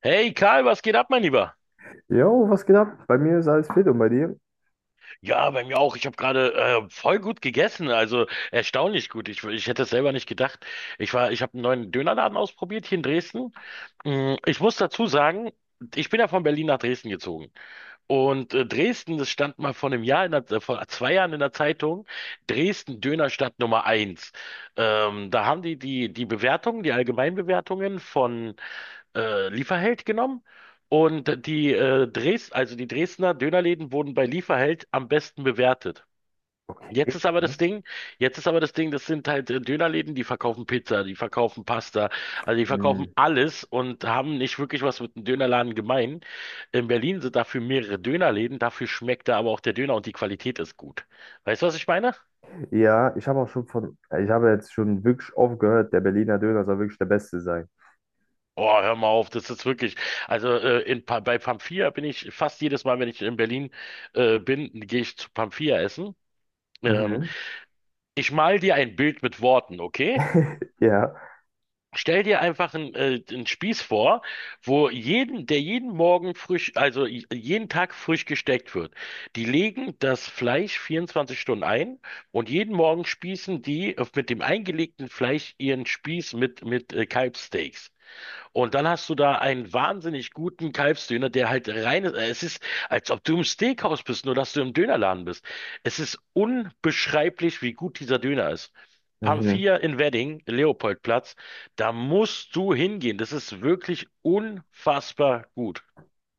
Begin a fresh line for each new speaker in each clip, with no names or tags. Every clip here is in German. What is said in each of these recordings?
Hey Karl, was geht ab, mein Lieber?
Jo, was geht ab? Bei mir ist alles fit und bei dir?
Ja, bei mir auch. Ich habe gerade voll gut gegessen, also erstaunlich gut. Ich hätte es selber nicht gedacht. Ich habe einen neuen Dönerladen ausprobiert hier in Dresden. Mm, ich muss dazu sagen, ich bin ja von Berlin nach Dresden gezogen. Dresden, das stand mal vor 2 Jahren in der Zeitung, Dresden Dönerstadt Nummer 1. Da haben die Bewertungen, die Allgemeinbewertungen von Lieferheld genommen und die Dres also die Dresdner Dönerläden wurden bei Lieferheld am besten bewertet. Jetzt
Okay,
ist aber
krass.
das Ding, jetzt ist aber das Ding, das sind halt Dönerläden, die verkaufen Pizza, die verkaufen Pasta, also die
Hm.
verkaufen alles und haben nicht wirklich was mit einem Dönerladen gemein. In Berlin sind dafür mehrere Dönerläden, dafür schmeckt da aber auch der Döner und die Qualität ist gut. Weißt du, was ich meine?
Ja, ich habe auch schon ich habe jetzt schon wirklich oft gehört, der Berliner Döner soll wirklich der beste sein.
Oh, hör mal auf, das ist wirklich. Also bei Pamphia bin ich fast jedes Mal, wenn ich in Berlin bin, gehe ich zu Pamphia essen. Ähm,
Mhm.
ich mal dir ein Bild mit Worten, okay?
Ja.
Stell dir einfach einen Spieß vor, wo jeden, der jeden Morgen frisch, jeden Tag frisch gesteckt wird. Die legen das Fleisch 24 Stunden ein und jeden Morgen spießen mit dem eingelegten Fleisch ihren Spieß mit Kalbssteaks. Und dann hast du da einen wahnsinnig guten Kalbsdöner, der halt rein ist. Es ist, als ob du im Steakhouse bist, nur dass du im Dönerladen bist. Es ist unbeschreiblich, wie gut dieser Döner ist.
Mhm.
Pamphia in Wedding, Leopoldplatz, da musst du hingehen. Das ist wirklich unfassbar gut.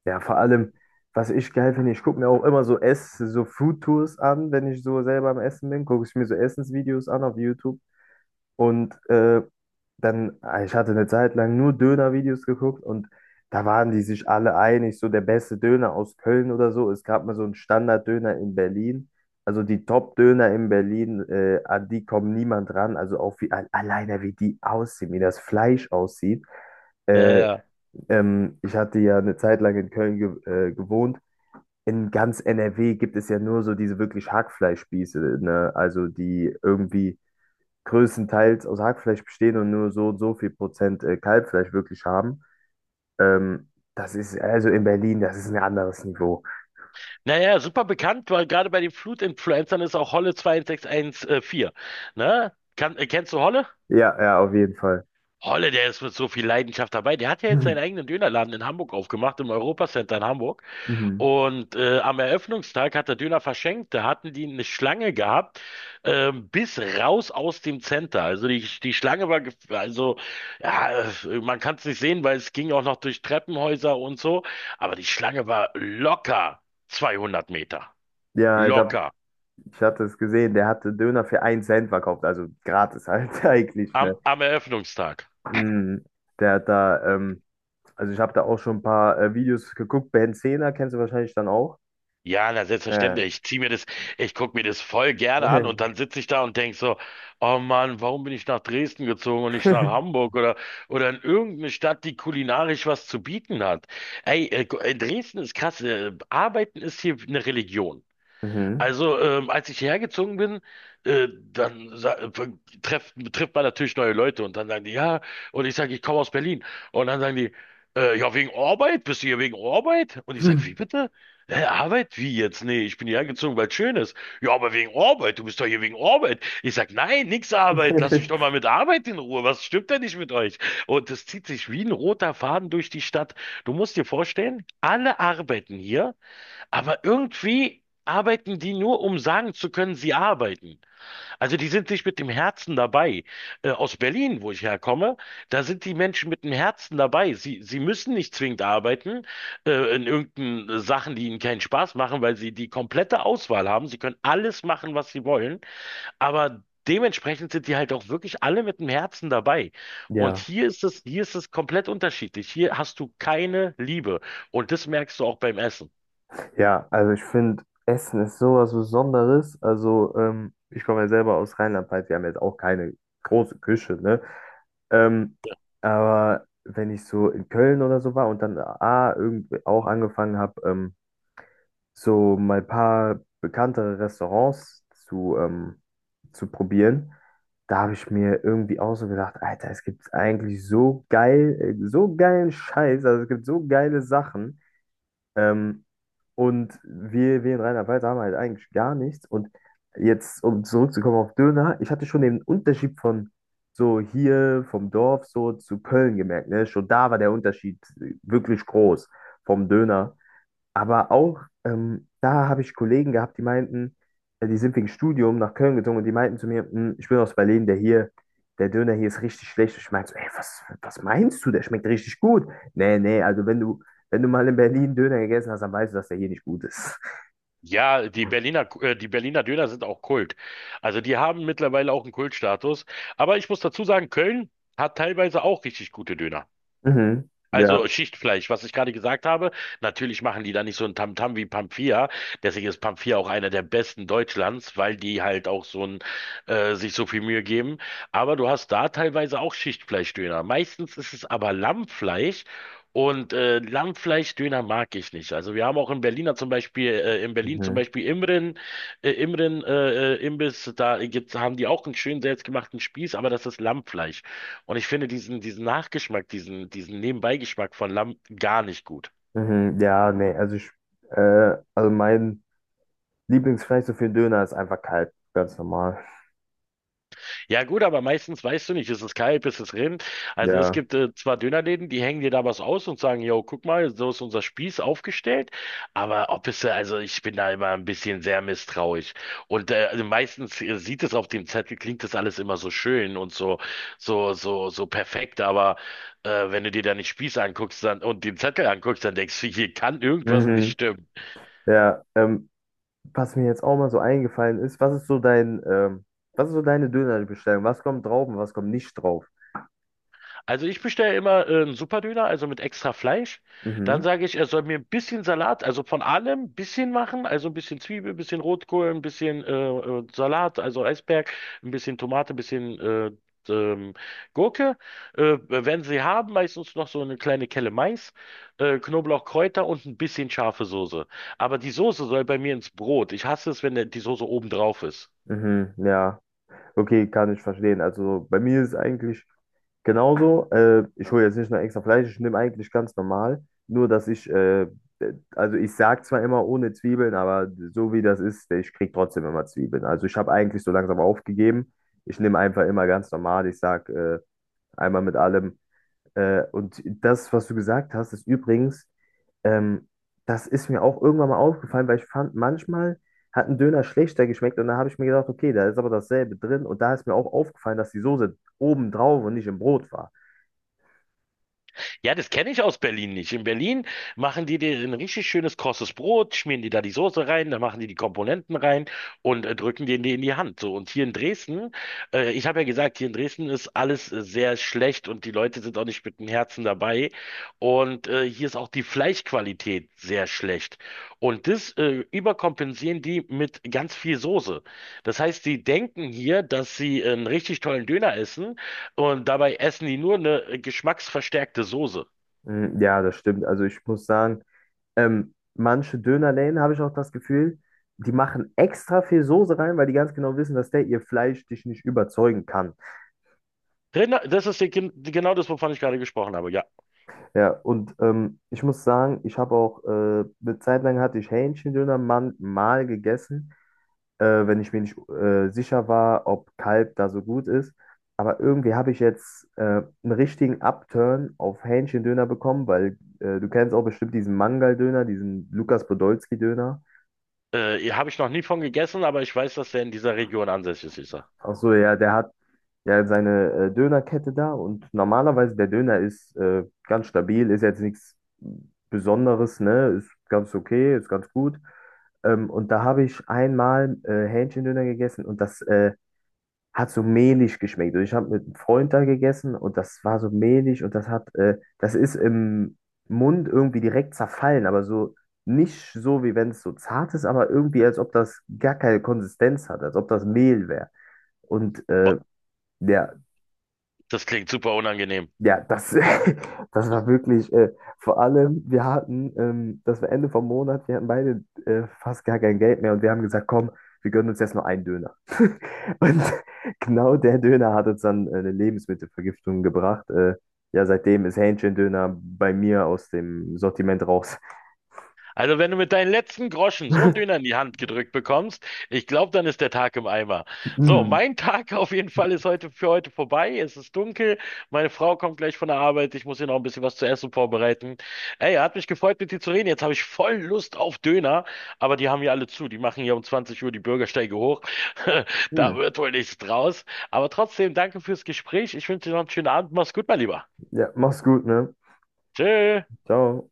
Ja, vor allem, was ich geil finde, ich gucke mir auch immer so so Food Tours an, wenn ich so selber am Essen bin, gucke ich mir so Essensvideos an auf YouTube. Und ich hatte eine Zeit lang nur Döner-Videos geguckt, und da waren die sich alle einig, so der beste Döner aus Köln oder so. Es gab mal so einen Standard-Döner in Berlin. Also die Top-Döner in Berlin, an die kommt niemand ran. Also auch alleine wie die aussehen, wie das Fleisch aussieht.
Ja,
Äh,
ja.
ich hatte ja eine Zeit lang in Köln ge gewohnt. In ganz NRW gibt es ja nur so diese wirklich Hackfleischspieße, ne? Also die irgendwie größtenteils aus Hackfleisch bestehen und nur so und so viel Prozent Kalbfleisch wirklich haben. Ähm, das ist also in Berlin, das ist ein anderes Niveau.
Naja, super bekannt, weil gerade bei den Flutinfluencern ist auch Holle 2614. Ne? Kennst du Holle?
Ja, ja, auf jeden Fall.
Holle, der ist mit so viel Leidenschaft dabei. Der hat ja jetzt
Mhm.
seinen eigenen Dönerladen in Hamburg aufgemacht, im Europacenter in Hamburg.
Mhm.
Und am Eröffnungstag hat er Döner verschenkt. Da hatten die eine Schlange gehabt, bis raus aus dem Center. Also die, die Schlange war, gef- also ja, man kann es nicht sehen, weil es ging auch noch durch Treppenhäuser und so. Aber die Schlange war locker 200 Meter.
Ja,
Locker.
ich hatte es gesehen, der hatte Döner für einen Cent verkauft, also gratis halt eigentlich, ne?
Am Eröffnungstag.
Mhm. Der hat da, also ich habe da auch schon ein paar Videos geguckt, Ben Zehner kennst du wahrscheinlich dann auch.
Ja, na
Äh.
selbstverständlich. Ich guck mir das voll gerne an und dann sitze ich da und denk so, oh Mann, warum bin ich nach Dresden gezogen und nicht nach Hamburg oder in irgendeine Stadt, die kulinarisch was zu bieten hat. Ey, äh, Dresden ist krass. Arbeiten ist hier eine Religion.
Mhm.
Also, als ich hierher gezogen bin, äh, dann sa- äh, trifft man natürlich neue Leute und dann sagen die, ja, und ich sage, ich komme aus Berlin. Und dann sagen die, ja, wegen Arbeit, bist du hier wegen Arbeit? Und ich sage, wie bitte? Hä, Arbeit? Wie jetzt? Nee, ich bin hierher gezogen, weil es schön ist. Ja, aber wegen Arbeit, du bist doch hier wegen Arbeit. Ich sage, nein, nix Arbeit, lass mich doch mal mit Arbeit in Ruhe. Was stimmt denn nicht mit euch? Und das zieht sich wie ein roter Faden durch die Stadt. Du musst dir vorstellen, alle arbeiten hier. Aber irgendwie arbeiten die nur, um sagen zu können, sie arbeiten. Also die sind nicht mit dem Herzen dabei. Aus Berlin, wo ich herkomme, da sind die Menschen mit dem Herzen dabei. Sie müssen nicht zwingend arbeiten, in irgendeinen Sachen, die ihnen keinen Spaß machen, weil sie die komplette Auswahl haben. Sie können alles machen, was sie wollen. Aber dementsprechend sind die halt auch wirklich alle mit dem Herzen dabei. Und
Ja.
hier ist es komplett unterschiedlich. Hier hast du keine Liebe. Und das merkst du auch beim Essen.
Ja, also ich finde, Essen ist sowas Besonderes. Also, ich komme ja selber aus Rheinland-Pfalz, wir haben jetzt auch keine große Küche, ne? Ähm, aber wenn ich so in Köln oder so war und dann A, irgendwie auch angefangen habe, so mal ein paar bekanntere Restaurants zu probieren, da habe ich mir irgendwie auch so gedacht, Alter, es gibt eigentlich so so geilen Scheiß, also es gibt so geile Sachen. Ähm, und wir in Rheinland-Pfalz haben halt eigentlich gar nichts. Und jetzt, um zurückzukommen auf Döner, ich hatte schon den Unterschied von so hier vom Dorf so zu Köln gemerkt. Ne? Schon da war der Unterschied wirklich groß vom Döner. Aber auch da habe ich Kollegen gehabt, die meinten, die sind wegen Studium nach Köln gezogen, und die meinten zu mir: "Hm, ich bin aus Berlin, der Döner hier ist richtig schlecht." Ich meinte so, ey, was meinst du? Der schmeckt richtig gut. Nee, nee, also wenn du mal in Berlin Döner gegessen hast, dann weißt du, dass der hier nicht gut ist.
Ja, die Berliner Döner sind auch Kult. Also die haben mittlerweile auch einen Kultstatus. Aber ich muss dazu sagen, Köln hat teilweise auch richtig gute Döner.
Mhm. Ja.
Also Schichtfleisch, was ich gerade gesagt habe, natürlich machen die da nicht so ein Tamtam wie Pampia. Deswegen ist Pampia auch einer der besten Deutschlands, weil die halt sich so viel Mühe geben. Aber du hast da teilweise auch Schichtfleischdöner. Meistens ist es aber Lammfleisch und Lammfleischdöner mag ich nicht. Also wir haben auch in Berliner zum Beispiel, in Berlin zum
Mhm.
Beispiel Imren, Imbiss, haben die auch einen schönen selbstgemachten Spieß, aber das ist Lammfleisch. Und ich finde diesen Nachgeschmack, diesen Nebenbeigeschmack von Lamm gar nicht gut.
Mhm. Ja, nee, also mein Lieblingsfleisch so für Döner ist einfach kalt, ganz normal.
Ja gut, aber meistens weißt du nicht, ist es Kalb, ist es Rind. Also es
Ja.
gibt zwar Dönerläden, die hängen dir da was aus und sagen, yo, guck mal, so ist unser Spieß aufgestellt. Aber ob es, also ich bin da immer ein bisschen sehr misstrauisch. Und also meistens sieht es auf dem Zettel, klingt das alles immer so schön und so perfekt, aber wenn du dir da nicht Spieß anguckst dann, und den Zettel anguckst, dann denkst du, hier kann irgendwas nicht
Mhm.
stimmen.
Ja. Was mir jetzt auch mal so eingefallen ist, was ist so was ist so deine Dönerbestellung? Was kommt drauf und was kommt nicht drauf?
Also ich bestelle immer einen Superdöner, also mit extra Fleisch. Dann
Mhm,
sage ich, er soll mir ein bisschen Salat, also von allem ein bisschen machen, also ein bisschen Zwiebel, ein bisschen Rotkohl, ein bisschen Salat, also Eisberg, ein bisschen Tomate, ein bisschen ähm, Gurke. Wenn sie haben, meistens noch so eine kleine Kelle Mais, Knoblauch, Kräuter und ein bisschen scharfe Soße. Aber die Soße soll bei mir ins Brot. Ich hasse es, wenn die Soße oben drauf ist.
mhm, ja, okay, kann ich verstehen. Also bei mir ist es eigentlich genauso. Ich hole jetzt nicht nur extra Fleisch, ich nehme eigentlich ganz normal. Nur, dass also ich sage zwar immer ohne Zwiebeln, aber so wie das ist, ich kriege trotzdem immer Zwiebeln. Also ich habe eigentlich so langsam aufgegeben. Ich nehme einfach immer ganz normal. Ich sage einmal mit allem. Und das, was du gesagt hast, ist übrigens. Ähm, das ist mir auch irgendwann mal aufgefallen, weil ich fand, manchmal hat ein Döner schlechter geschmeckt, und da habe ich mir gedacht, okay, da ist aber dasselbe drin, und da ist mir auch aufgefallen, dass die Soße oben drauf und nicht im Brot war.
Ja, das kenne ich aus Berlin nicht. In Berlin machen die dir ein richtig schönes krosses Brot, schmieren die da die Soße rein, dann machen die die Komponenten rein und drücken denen die in die Hand. So, und hier in Dresden, ich habe ja gesagt, hier in Dresden ist alles sehr schlecht und die Leute sind auch nicht mit dem Herzen dabei. Und hier ist auch die Fleischqualität sehr schlecht. Und das überkompensieren die mit ganz viel Soße. Das heißt, die denken hier, dass sie einen richtig tollen Döner essen und dabei essen die nur eine geschmacksverstärkte Soße.
Mm. Ja, das stimmt. Also ich muss sagen, manche Dönerläden habe ich auch das Gefühl, die machen extra viel Soße rein, weil die ganz genau wissen, dass der ihr Fleisch dich nicht überzeugen kann.
Rinder, genau das, wovon ich gerade gesprochen habe, ja.
Ja, und ich muss sagen, ich habe auch, eine Zeit lang hatte ich Hähnchendöner mal gegessen, wenn ich mir nicht sicher war, ob Kalb da so gut ist. Aber irgendwie habe ich jetzt einen richtigen Upturn auf Hähnchendöner bekommen, weil du kennst auch bestimmt diesen Mangal-Döner, diesen Lukas Podolski-Döner.
Habe ich noch nie von gegessen, aber ich weiß, dass der in dieser Region ansässig ist.
Ach so, ja, der hat ja seine Dönerkette da, und normalerweise der Döner ist ganz stabil, ist jetzt nichts Besonderes, ne? Ist ganz okay, ist ganz gut. Und da habe ich einmal Hähnchendöner gegessen, und das hat so mehlig geschmeckt. Und ich habe mit einem Freund da gegessen, und das war so mehlig, und das das ist im Mund irgendwie direkt zerfallen, aber so nicht so, wie wenn es so zart ist, aber irgendwie, als ob das gar keine Konsistenz hat, als ob das Mehl wäre. Und
Boah,
ja,
das klingt super unangenehm.
ja, das war wirklich, vor allem, das war Ende vom Monat, wir hatten beide fast gar kein Geld mehr, und wir haben gesagt, komm, wir gönnen uns jetzt nur einen Döner. Und genau der Döner hat uns dann eine Lebensmittelvergiftung gebracht. Ja, seitdem ist Hähnchendöner bei mir aus dem Sortiment raus.
Also wenn du mit deinen letzten Groschen so einen Döner in die Hand gedrückt bekommst, ich glaube, dann ist der Tag im Eimer. So,
Hm,
mein Tag auf jeden Fall ist heute für heute vorbei. Es ist dunkel. Meine Frau kommt gleich von der Arbeit. Ich muss ihr noch ein bisschen was zu essen vorbereiten. Ey, hat mich gefreut, mit dir zu reden. Jetzt habe ich voll Lust auf Döner, aber die haben hier alle zu. Die machen hier um 20 Uhr die Bürgersteige hoch. Da
hm.
wird wohl nichts draus. Aber trotzdem, danke fürs Gespräch. Ich wünsche dir noch einen schönen Abend. Mach's gut, mein Lieber.
Ja, mach's gut, ne?
Tschö.
Ciao.